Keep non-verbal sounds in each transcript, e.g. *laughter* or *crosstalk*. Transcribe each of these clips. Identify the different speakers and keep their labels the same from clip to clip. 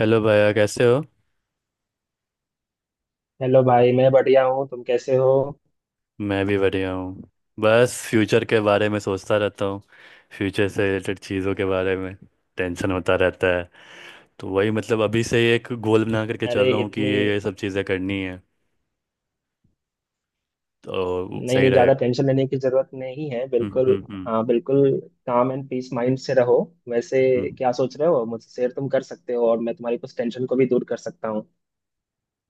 Speaker 1: Hello भैया, कैसे हो?
Speaker 2: हेलो भाई। मैं बढ़िया हूँ, तुम कैसे हो?
Speaker 1: मैं भी बढ़िया हूँ। बस फ्यूचर के बारे में सोचता रहता हूँ, फ्यूचर से रिलेटेड चीज़ों के बारे में। टेंशन होता रहता है। तो वही, मतलब अभी से ही एक गोल बना करके चल
Speaker 2: अरे
Speaker 1: रहा हूँ कि
Speaker 2: इतनी?
Speaker 1: ये सब चीज़ें करनी है, तो
Speaker 2: नहीं
Speaker 1: सही
Speaker 2: नहीं,
Speaker 1: रहेगा।
Speaker 2: ज़्यादा टेंशन लेने की ज़रूरत नहीं है,
Speaker 1: हम्म,
Speaker 2: बिल्कुल।
Speaker 1: हम्म, हम्म,
Speaker 2: हाँ बिल्कुल। काम एंड पीस माइंड से रहो। वैसे
Speaker 1: हम्म।
Speaker 2: क्या सोच रहे हो, मुझसे शेयर तुम कर सकते हो और मैं तुम्हारी कुछ टेंशन को भी दूर कर सकता हूँ।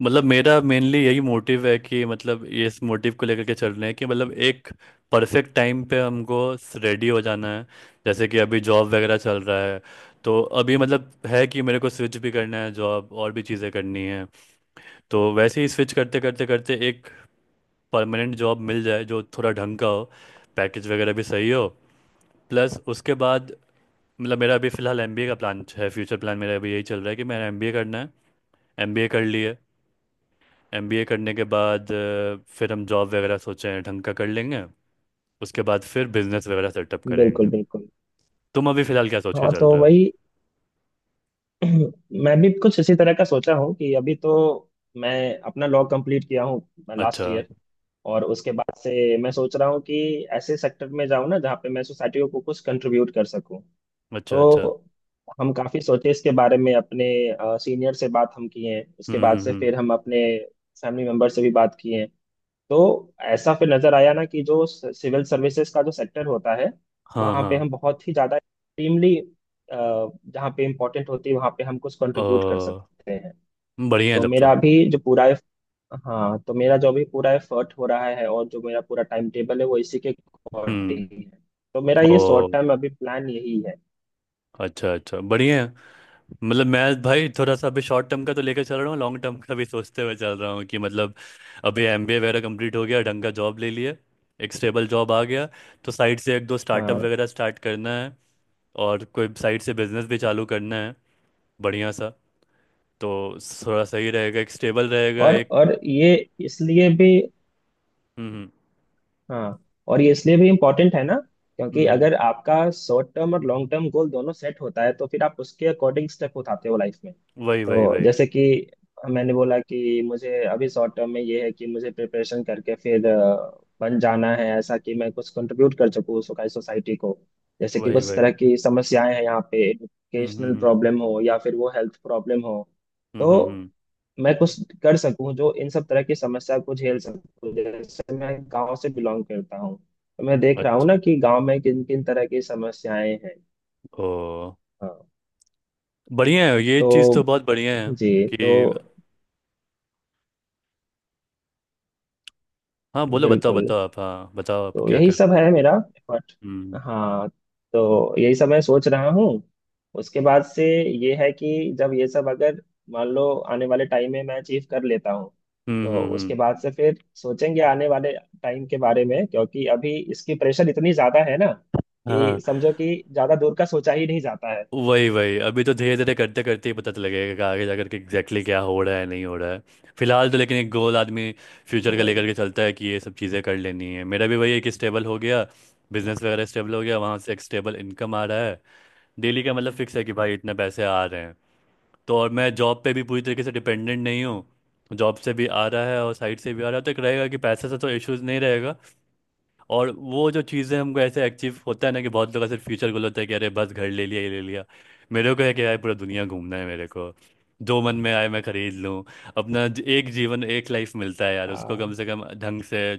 Speaker 1: मतलब मेरा मेनली यही मोटिव है कि मतलब ये इस मोटिव को लेकर के चल रहे हैं कि मतलब एक परफेक्ट टाइम पे हमको रेडी हो जाना है। जैसे कि अभी जॉब वगैरह चल रहा है, तो अभी मतलब है कि मेरे को स्विच भी करना है जॉब, और भी चीज़ें करनी है। तो वैसे ही स्विच करते करते करते एक परमानेंट जॉब मिल जाए जो थोड़ा ढंग का हो, पैकेज वगैरह भी सही हो। प्लस उसके बाद मतलब मेरा अभी फ़िलहाल एमबीए का प्लान है। फ्यूचर प्लान मेरा अभी यही चल रहा है कि मेरा एमबीए करना है। एमबीए कर लिए, एमबीए करने के बाद फिर हम जॉब वगैरह सोचे हैं ढंग का कर लेंगे। उसके बाद फिर बिजनेस वगैरह सेटअप
Speaker 2: बिल्कुल
Speaker 1: करेंगे।
Speaker 2: बिल्कुल।
Speaker 1: तुम अभी फिलहाल क्या सोच के
Speaker 2: हाँ
Speaker 1: चल
Speaker 2: तो
Speaker 1: रहे हो?
Speaker 2: वही। *clears throat* मैं भी कुछ इसी तरह का सोचा हूँ कि अभी तो मैं अपना लॉ कंप्लीट किया हूँ
Speaker 1: अच्छा,
Speaker 2: लास्ट ईयर। और उसके बाद से मैं सोच रहा हूँ कि ऐसे सेक्टर में जाऊँ ना जहाँ पे मैं सोसाइटी को कुछ कंट्रीब्यूट कर सकूँ।
Speaker 1: अच्छा। अच्छा।
Speaker 2: तो हम काफी सोचे इसके बारे में, अपने सीनियर से बात हम किए हैं, उसके
Speaker 1: हम्म,
Speaker 2: बाद
Speaker 1: हम्म,
Speaker 2: से
Speaker 1: हम्म।
Speaker 2: फिर हम अपने फैमिली मेंबर से भी बात किए हैं। तो ऐसा फिर नजर आया ना कि जो सिविल सर्विसेज का जो सेक्टर होता है
Speaker 1: हाँ,
Speaker 2: वहाँ
Speaker 1: हाँ।
Speaker 2: पे हम बहुत ही ज्यादा एक्सट्रीमली जहाँ पे इम्पोर्टेंट होती है वहाँ पे हम कुछ कंट्रीब्यूट कर
Speaker 1: ओ,
Speaker 2: सकते हैं।
Speaker 1: बढ़िया है
Speaker 2: तो
Speaker 1: तब
Speaker 2: मेरा
Speaker 1: तो।
Speaker 2: अभी जो पूरा, हाँ तो मेरा जो अभी पूरा एफर्ट हो रहा है और जो मेरा पूरा टाइम टेबल है वो इसी के
Speaker 1: हम्म।
Speaker 2: अकॉर्डिंग है। तो मेरा ये
Speaker 1: ओ,
Speaker 2: शॉर्ट टर्म अभी प्लान यही है।
Speaker 1: अच्छा, अच्छा, बढ़िया है। मतलब मैं भाई थोड़ा सा अभी शॉर्ट टर्म का तो लेकर चल रहा हूँ, लॉन्ग टर्म का भी सोचते हुए चल रहा हूँ कि मतलब अभी एमबीए वगैरह कंप्लीट हो गया, ढंग का जॉब ले लिया, एक स्टेबल जॉब आ गया, तो साइड से एक दो स्टार्टअप
Speaker 2: हाँ।
Speaker 1: वगैरह स्टार्ट करना है और कोई साइड से बिजनेस भी चालू करना है बढ़िया सा। तो थोड़ा सही रहेगा, एक स्टेबल रहेगा
Speaker 2: और
Speaker 1: एक।
Speaker 2: और ये इसलिए भी,
Speaker 1: हम्म, हम्म,
Speaker 2: हाँ और ये इसलिए भी इम्पोर्टेंट है ना क्योंकि
Speaker 1: हम्म,
Speaker 2: अगर आपका शॉर्ट टर्म और लॉन्ग टर्म गोल दोनों सेट होता है तो फिर आप उसके अकॉर्डिंग स्टेप उठाते हो लाइफ में।
Speaker 1: वही, वही,
Speaker 2: तो
Speaker 1: वही,
Speaker 2: जैसे कि मैंने बोला कि मुझे अभी शॉर्ट टर्म में ये है कि मुझे प्रिपरेशन करके फिर बन जाना है ऐसा कि मैं कुछ कंट्रीब्यूट कर सकूँ सोसाइटी को। जैसे कि
Speaker 1: वही,
Speaker 2: कुछ
Speaker 1: वही।
Speaker 2: तरह की समस्याएं हैं यहाँ पे,
Speaker 1: हम्म, हम्म,
Speaker 2: एजुकेशनल
Speaker 1: हम्म,
Speaker 2: प्रॉब्लम हो या फिर वो हेल्थ प्रॉब्लम हो।
Speaker 1: हम्म,
Speaker 2: तो
Speaker 1: हम्म।
Speaker 2: मैं कुछ कर सकूं जो इन सब तरह की समस्या को झेल सकूं। जैसे मैं गांव से बिलोंग करता हूं तो मैं देख रहा हूं
Speaker 1: अच्छा।
Speaker 2: ना कि गांव में किन किन तरह की समस्याएं हैं।
Speaker 1: ओ,
Speaker 2: हाँ।
Speaker 1: बढ़िया है, ये
Speaker 2: तो
Speaker 1: चीज़ तो बहुत बढ़िया है
Speaker 2: जी, तो
Speaker 1: कि। हाँ, बोलो, बताओ,
Speaker 2: बिल्कुल।
Speaker 1: बताओ आप, हाँ, बताओ आप
Speaker 2: तो
Speaker 1: क्या
Speaker 2: यही
Speaker 1: कर।
Speaker 2: सब है मेरा, बट
Speaker 1: हम्म,
Speaker 2: हाँ, तो यही सब मैं सोच रहा हूँ। उसके बाद से ये है कि जब ये सब अगर, मान लो आने वाले टाइम में मैं अचीव कर लेता हूँ,
Speaker 1: हम्म,
Speaker 2: तो
Speaker 1: हम्म, हम्म।
Speaker 2: उसके बाद से फिर सोचेंगे आने वाले टाइम के बारे में, क्योंकि अभी इसकी प्रेशर इतनी ज्यादा है ना कि
Speaker 1: हाँ,
Speaker 2: समझो कि ज्यादा दूर का सोचा ही नहीं जाता है।
Speaker 1: वही वही। अभी तो धीरे धीरे करते करते ही पता लगेगा कि आगे जाकर के एग्जैक्टली क्या हो रहा है, नहीं हो रहा है। फिलहाल तो लेकिन एक गोल आदमी फ्यूचर का लेकर
Speaker 2: वही।
Speaker 1: के चलता है कि ये सब चीज़ें कर लेनी है। मेरा भी वही है कि स्टेबल हो गया, बिजनेस वगैरह स्टेबल हो गया, वहाँ से एक स्टेबल इनकम आ रहा है, डेली का मतलब फिक्स है कि भाई इतने पैसे आ रहे हैं, तो और मैं जॉब पे भी पूरी तरीके से डिपेंडेंट नहीं हूँ। जॉब से भी आ रहा है और साइड से भी आ रहा है, तो एक रहेगा कि पैसे से तो इश्यूज नहीं रहेगा। और वो जो चीज़ें हमको ऐसे अचीव होता है ना, कि बहुत लोग ऐसे फ्यूचर गोल होता है कि अरे बस घर ले लिया, ये ले लिया। मेरे को है कि यार पूरा दुनिया घूमना है मेरे को, जो मन में आए मैं खरीद लूँ। अपना एक जीवन, एक लाइफ मिलता है यार, उसको कम
Speaker 2: हाँ
Speaker 1: से कम ढंग से,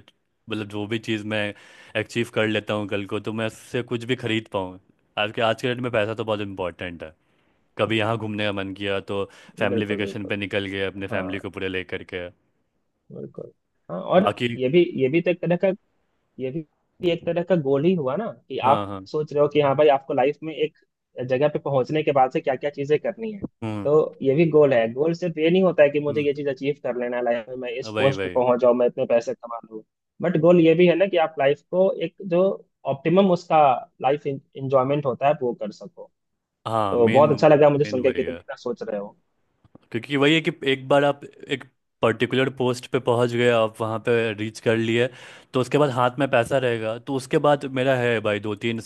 Speaker 1: मतलब जो भी चीज़ मैं अचीव कर लेता हूँ कल को, तो मैं उससे कुछ भी खरीद पाऊँ। आज के डेट में पैसा तो बहुत इंपॉर्टेंट है। कभी यहाँ घूमने का मन किया तो फैमिली
Speaker 2: बिल्कुल
Speaker 1: वेकेशन
Speaker 2: बिल्कुल।
Speaker 1: पे निकल गए अपने
Speaker 2: हाँ
Speaker 1: फैमिली को पूरे लेकर के।
Speaker 2: बिल्कुल। हाँ। और
Speaker 1: बाकी।
Speaker 2: ये भी ये भी तो एक तरह का, ये भी एक तरह का गोल ही हुआ ना कि
Speaker 1: हाँ,
Speaker 2: आप
Speaker 1: हाँ।
Speaker 2: सोच रहे हो कि हाँ भाई आपको लाइफ में एक जगह पे पहुंचने के बाद से क्या क्या चीजें करनी है।
Speaker 1: हम्म,
Speaker 2: तो ये भी गोल है। गोल सिर्फ ये नहीं होता है कि मुझे
Speaker 1: हम्म,
Speaker 2: ये चीज अचीव कर लेना है लाइफ में, मैं इस
Speaker 1: वही
Speaker 2: पोस्ट पे
Speaker 1: वही।
Speaker 2: पहुंच जाऊं, मैं इतने पैसे कमा लूं। बट गोल ये भी है ना कि आप लाइफ को एक जो ऑप्टिमम उसका लाइफ एंजॉयमेंट होता है वो कर सको।
Speaker 1: हाँ,
Speaker 2: तो बहुत
Speaker 1: मेन।
Speaker 2: अच्छा लगा मुझे
Speaker 1: मेन
Speaker 2: सुन के
Speaker 1: वही
Speaker 2: कि तुम
Speaker 1: है।
Speaker 2: इतना सोच रहे हो।
Speaker 1: क्योंकि वही है कि एक बार आप एक पर्टिकुलर पोस्ट पे पहुंच गए, आप वहाँ पे रीच कर लिए, तो उसके बाद हाथ में पैसा रहेगा, तो उसके बाद मेरा है भाई दो तीन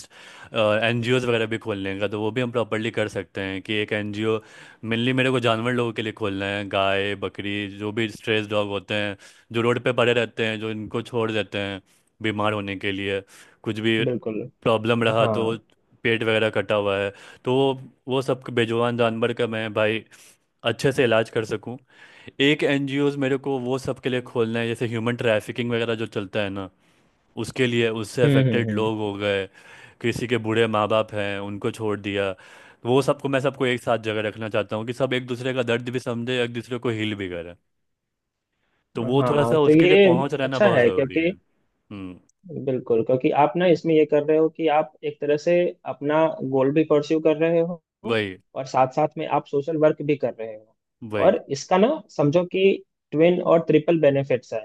Speaker 1: एनजीओज वगैरह भी खोलने का, तो वो भी हम प्रॉपरली कर सकते हैं कि एक एनजीओ मेनली मेरे को जानवर लोगों के लिए खोलना है, गाय बकरी जो भी स्ट्रेस डॉग होते हैं जो रोड पे पड़े रहते हैं, जो इनको छोड़ देते हैं बीमार होने के लिए, कुछ भी
Speaker 2: बिल्कुल।
Speaker 1: प्रॉब्लम रहा
Speaker 2: हाँ।
Speaker 1: तो, पेट वगैरह कटा हुआ है, तो वो सब बेजुबान जानवर का मैं भाई अच्छे से इलाज कर सकूं। एक एनजीओज मेरे को वो सब के लिए खोलना है जैसे ह्यूमन ट्रैफिकिंग वगैरह जो चलता है ना, उसके लिए, उससे अफेक्टेड
Speaker 2: हम्म।
Speaker 1: लोग हो गए, किसी के बूढ़े माँ बाप हैं उनको छोड़ दिया, वो सबको मैं सबको एक साथ जगह रखना चाहता हूँ कि सब एक दूसरे का दर्द भी समझे, एक दूसरे को हील भी करे। तो वो थोड़ा
Speaker 2: हाँ
Speaker 1: सा
Speaker 2: तो
Speaker 1: उसके लिए
Speaker 2: ये
Speaker 1: पहुँच रहना
Speaker 2: अच्छा
Speaker 1: बहुत
Speaker 2: है
Speaker 1: ज़रूरी है।
Speaker 2: क्योंकि,
Speaker 1: हम्म,
Speaker 2: बिल्कुल क्योंकि आप ना इसमें ये कर रहे हो कि आप एक तरह से अपना गोल भी परस्यू कर रहे हो
Speaker 1: वही,
Speaker 2: और साथ साथ में आप सोशल वर्क भी कर रहे हो।
Speaker 1: वही,
Speaker 2: और इसका ना समझो कि ट्विन और ट्रिपल बेनिफिट्स है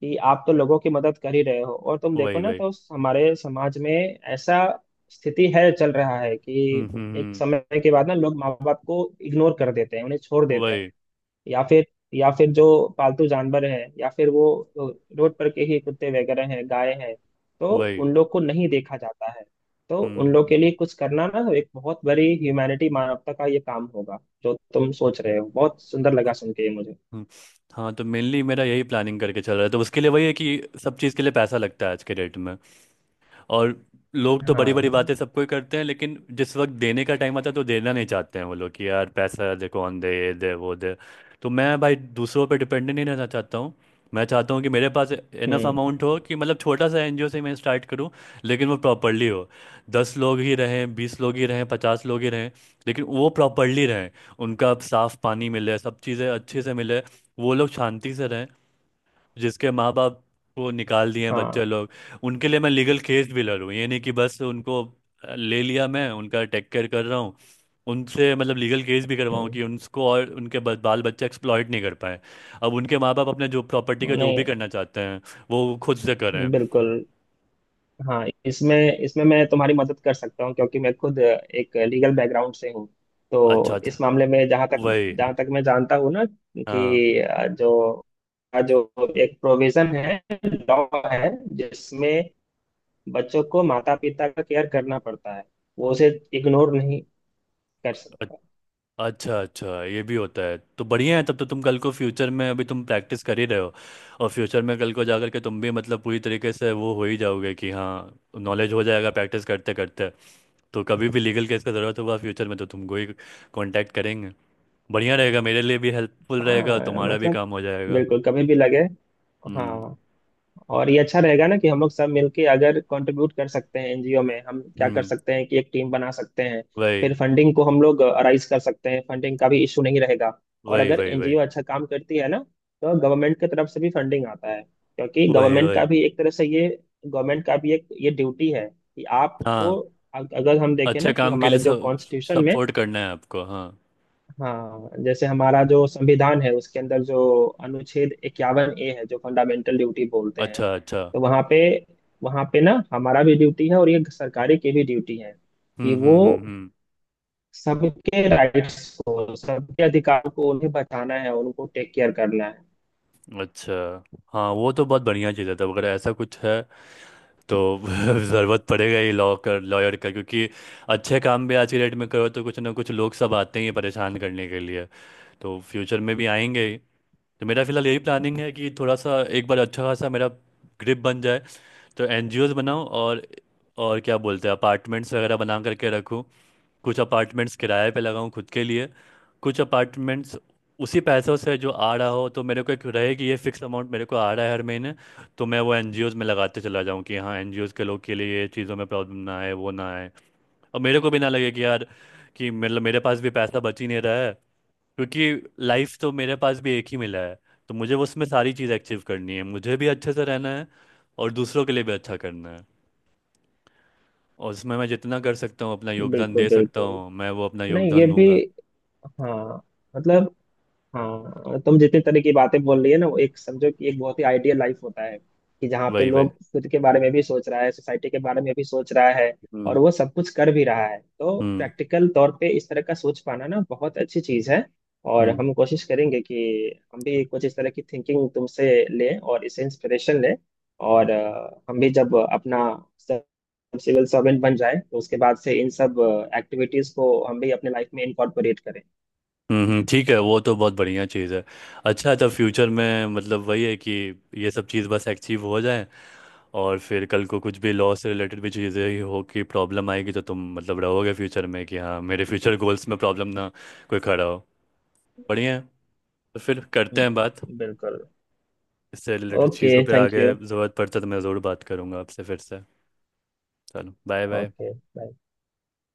Speaker 2: कि आप तो लोगों की मदद कर ही रहे हो। और तुम देखो
Speaker 1: वही,
Speaker 2: ना
Speaker 1: वही।
Speaker 2: तो हमारे समाज में ऐसा स्थिति है चल रहा है कि
Speaker 1: हम्म, हम्म,
Speaker 2: एक समय के बाद ना लोग माँ बाप को इग्नोर कर देते हैं, उन्हें छोड़ देते हैं।
Speaker 1: वही,
Speaker 2: या फिर, या फिर जो पालतू जानवर है या फिर वो रोड पर के ही कुत्ते वगैरह हैं, गाय हैं, तो
Speaker 1: वही।
Speaker 2: उन लोग को नहीं देखा जाता है। तो उन लोग
Speaker 1: हम्म,
Speaker 2: के लिए कुछ करना ना एक बहुत बड़ी ह्यूमैनिटी, मानवता का ये काम होगा जो तुम सोच रहे हो। बहुत सुंदर लगा सुन के ये मुझे।
Speaker 1: हम्म। हाँ, तो मेनली मेरा यही प्लानिंग करके चल रहा है, तो उसके लिए वही है कि सब चीज़ के लिए पैसा लगता है आज के डेट में। और लोग तो बड़ी बड़ी बातें
Speaker 2: हाँ।
Speaker 1: सबको ही करते हैं लेकिन जिस वक्त देने का टाइम आता है तो देना नहीं चाहते हैं, वो लोग कि यार पैसा दे, कौन दे, ये दे, वो दे। तो मैं भाई दूसरों पे डिपेंडेंट नहीं रहना चाहता हूँ। मैं चाहता हूँ कि मेरे पास इनफ अमाउंट
Speaker 2: हम्म।
Speaker 1: हो, कि मतलब छोटा सा एनजीओ से मैं स्टार्ट करूँ लेकिन वो प्रॉपरली हो। 10 लोग ही रहें, 20 लोग ही रहें, 50 लोग ही रहें, लेकिन वो प्रॉपरली रहें। उनका साफ पानी मिले, सब चीज़ें अच्छे से मिले, वो लोग शांति से रहें। जिसके माँ बाप को निकाल दिए हैं बच्चे
Speaker 2: हाँ।
Speaker 1: लोग, उनके लिए मैं लीगल केस भी लड़ूँ, ये नहीं कि बस उनको ले लिया मैं, उनका टेक केयर कर रहा हूँ। उनसे मतलब लीगल केस भी करवाऊँ
Speaker 2: हम्म।
Speaker 1: कि उनको और उनके बाल बच्चे एक्सप्लॉइट नहीं कर पाए, अब उनके माँ बाप अपने जो प्रॉपर्टी का जो भी
Speaker 2: नहीं
Speaker 1: करना चाहते हैं वो खुद से करें।
Speaker 2: बिल्कुल। हाँ इसमें इसमें मैं तुम्हारी मदद कर सकता हूँ क्योंकि मैं खुद एक लीगल बैकग्राउंड से हूँ।
Speaker 1: अच्छा,
Speaker 2: तो
Speaker 1: अच्छा।
Speaker 2: इस मामले में जहाँ तक
Speaker 1: वही।
Speaker 2: जहाँ तक मैं जानता हूँ ना
Speaker 1: हाँ।
Speaker 2: कि जो जो एक प्रोविजन है, लॉ है, जिसमें बच्चों को माता पिता का केयर करना पड़ता है, वो उसे इग्नोर नहीं कर सकता।
Speaker 1: अच्छा, अच्छा, ये भी होता है तो बढ़िया है तब तो। तुम कल को फ्यूचर में, अभी तुम प्रैक्टिस कर ही रहे हो, और फ्यूचर में कल को जाकर के तुम भी मतलब पूरी तरीके से वो हो ही जाओगे कि हाँ, नॉलेज हो जाएगा प्रैक्टिस करते करते। तो कभी भी लीगल केस का ज़रूरत हुआ फ्यूचर में, तो तुमको ही कांटेक्ट करेंगे, बढ़िया रहेगा, मेरे लिए भी हेल्पफुल रहेगा,
Speaker 2: हाँ
Speaker 1: तुम्हारा भी
Speaker 2: मतलब
Speaker 1: काम हो जाएगा।
Speaker 2: बिल्कुल, कभी भी लगे।
Speaker 1: हम्म,
Speaker 2: हाँ। और ये अच्छा रहेगा ना कि हम लोग सब मिलके अगर कंट्रीब्यूट कर सकते हैं एनजीओ में, हम क्या कर
Speaker 1: हम्म,
Speaker 2: सकते हैं कि एक टीम बना सकते हैं,
Speaker 1: वही,
Speaker 2: फिर फंडिंग को हम लोग राइज कर सकते हैं, फंडिंग का भी इशू नहीं रहेगा। और
Speaker 1: वही,
Speaker 2: अगर
Speaker 1: वही, वही,
Speaker 2: एनजीओ अच्छा काम करती है ना तो गवर्नमेंट की तरफ से भी फंडिंग आता है, क्योंकि
Speaker 1: वही,
Speaker 2: गवर्नमेंट का
Speaker 1: वही।
Speaker 2: भी एक तरह से ये, गवर्नमेंट का भी एक ये ड्यूटी है कि आपको,
Speaker 1: हाँ,
Speaker 2: अगर हम देखें
Speaker 1: अच्छे
Speaker 2: ना कि
Speaker 1: काम के
Speaker 2: हमारे
Speaker 1: लिए
Speaker 2: जो
Speaker 1: सब
Speaker 2: कॉन्स्टिट्यूशन में,
Speaker 1: सपोर्ट करना है आपको, हाँ।
Speaker 2: हाँ जैसे हमारा जो संविधान है उसके अंदर जो अनुच्छेद 51 ए है जो फंडामेंटल ड्यूटी बोलते हैं,
Speaker 1: अच्छा, अच्छा।
Speaker 2: तो वहाँ पे, वहाँ पे ना हमारा भी ड्यूटी है और ये सरकारी की भी ड्यूटी है
Speaker 1: हम्म,
Speaker 2: कि वो
Speaker 1: हम्म, हम्म, हम्म।
Speaker 2: सबके राइट्स को, सबके अधिकार को उन्हें बचाना है, उनको टेक केयर करना है।
Speaker 1: अच्छा। हाँ, वो तो बहुत बढ़िया चीज़ है तब, अगर ऐसा कुछ है तो *laughs* ज़रूरत पड़ेगा ही लॉ कर लॉयर का, क्योंकि अच्छे काम भी आज की डेट में करो तो कुछ ना कुछ लोग सब आते ही हैं परेशान करने के लिए, तो फ्यूचर में भी आएंगे ही। तो मेरा फिलहाल यही प्लानिंग है कि थोड़ा सा एक बार अच्छा खासा मेरा ग्रिप बन जाए, तो एनजीओज बनाऊँ और क्या बोलते हैं, अपार्टमेंट्स वगैरह बना करके रखूँ। कुछ अपार्टमेंट्स किराए पे लगाऊं खुद के लिए, कुछ अपार्टमेंट्स उसी पैसों से जो आ रहा हो, तो मेरे को एक रहे कि ये फिक्स अमाउंट मेरे को आ रहा है हर महीने, तो मैं वो एनजीओज में लगाते चला जाऊं कि हाँ, एनजीओज के लोग के लिए ये चीज़ों में प्रॉब्लम ना आए, वो ना आए। और मेरे को भी ना लगे कि यार कि मतलब मेरे पास भी पैसा बच ही नहीं रहा है, क्योंकि लाइफ तो मेरे पास भी एक ही मिला है। तो मुझे उसमें सारी चीज़ें अचीव करनी है, मुझे भी अच्छे से रहना है और दूसरों के लिए भी अच्छा करना है। और उसमें मैं जितना कर सकता हूँ अपना योगदान
Speaker 2: बिल्कुल
Speaker 1: दे सकता
Speaker 2: बिल्कुल।
Speaker 1: हूँ, मैं वो अपना
Speaker 2: नहीं ये
Speaker 1: योगदान
Speaker 2: भी,
Speaker 1: दूंगा।
Speaker 2: हाँ मतलब, हाँ तुम जितने तरह की बातें बोल रही है ना वो एक समझो कि एक बहुत ही आइडियल लाइफ होता है कि जहाँ पे
Speaker 1: वही, वही।
Speaker 2: लोग खुद के बारे में भी सोच रहा है, सोसाइटी के बारे में भी सोच रहा है और
Speaker 1: हम्म,
Speaker 2: वो सब कुछ कर भी रहा है। तो
Speaker 1: हम्म,
Speaker 2: प्रैक्टिकल तौर पे इस तरह का सोच पाना ना बहुत अच्छी चीज है। और
Speaker 1: हम्म,
Speaker 2: हम कोशिश करेंगे कि हम भी कुछ इस तरह की थिंकिंग तुमसे लें और इससे इंस्पिरेशन लें। और हम भी जब अपना सिविल सर्वेंट बन जाए तो उसके बाद से इन सब एक्टिविटीज को हम भी अपने लाइफ में इंकॉर्पोरेट करें।
Speaker 1: हम्म, हम्म। ठीक है, वो तो बहुत बढ़िया चीज़ है। अच्छा, तो फ्यूचर में मतलब वही है कि ये सब चीज़ बस अचीव हो जाए, और फिर कल को कुछ भी लॉ से रिलेटेड भी चीज़ें ही हो कि प्रॉब्लम आएगी तो तुम मतलब रहोगे फ्यूचर में कि हाँ, मेरे फ्यूचर गोल्स में प्रॉब्लम ना कोई खड़ा हो। बढ़िया है। तो फिर करते हैं बात
Speaker 2: बिल्कुल।
Speaker 1: इससे रिलेटेड चीज़ों
Speaker 2: ओके
Speaker 1: पे
Speaker 2: थैंक
Speaker 1: आगे।
Speaker 2: यू।
Speaker 1: ज़रूरत पड़ता है तो मैं ज़रूर बात करूँगा आपसे फिर से। चलो, बाय, बाय।
Speaker 2: Okay bye.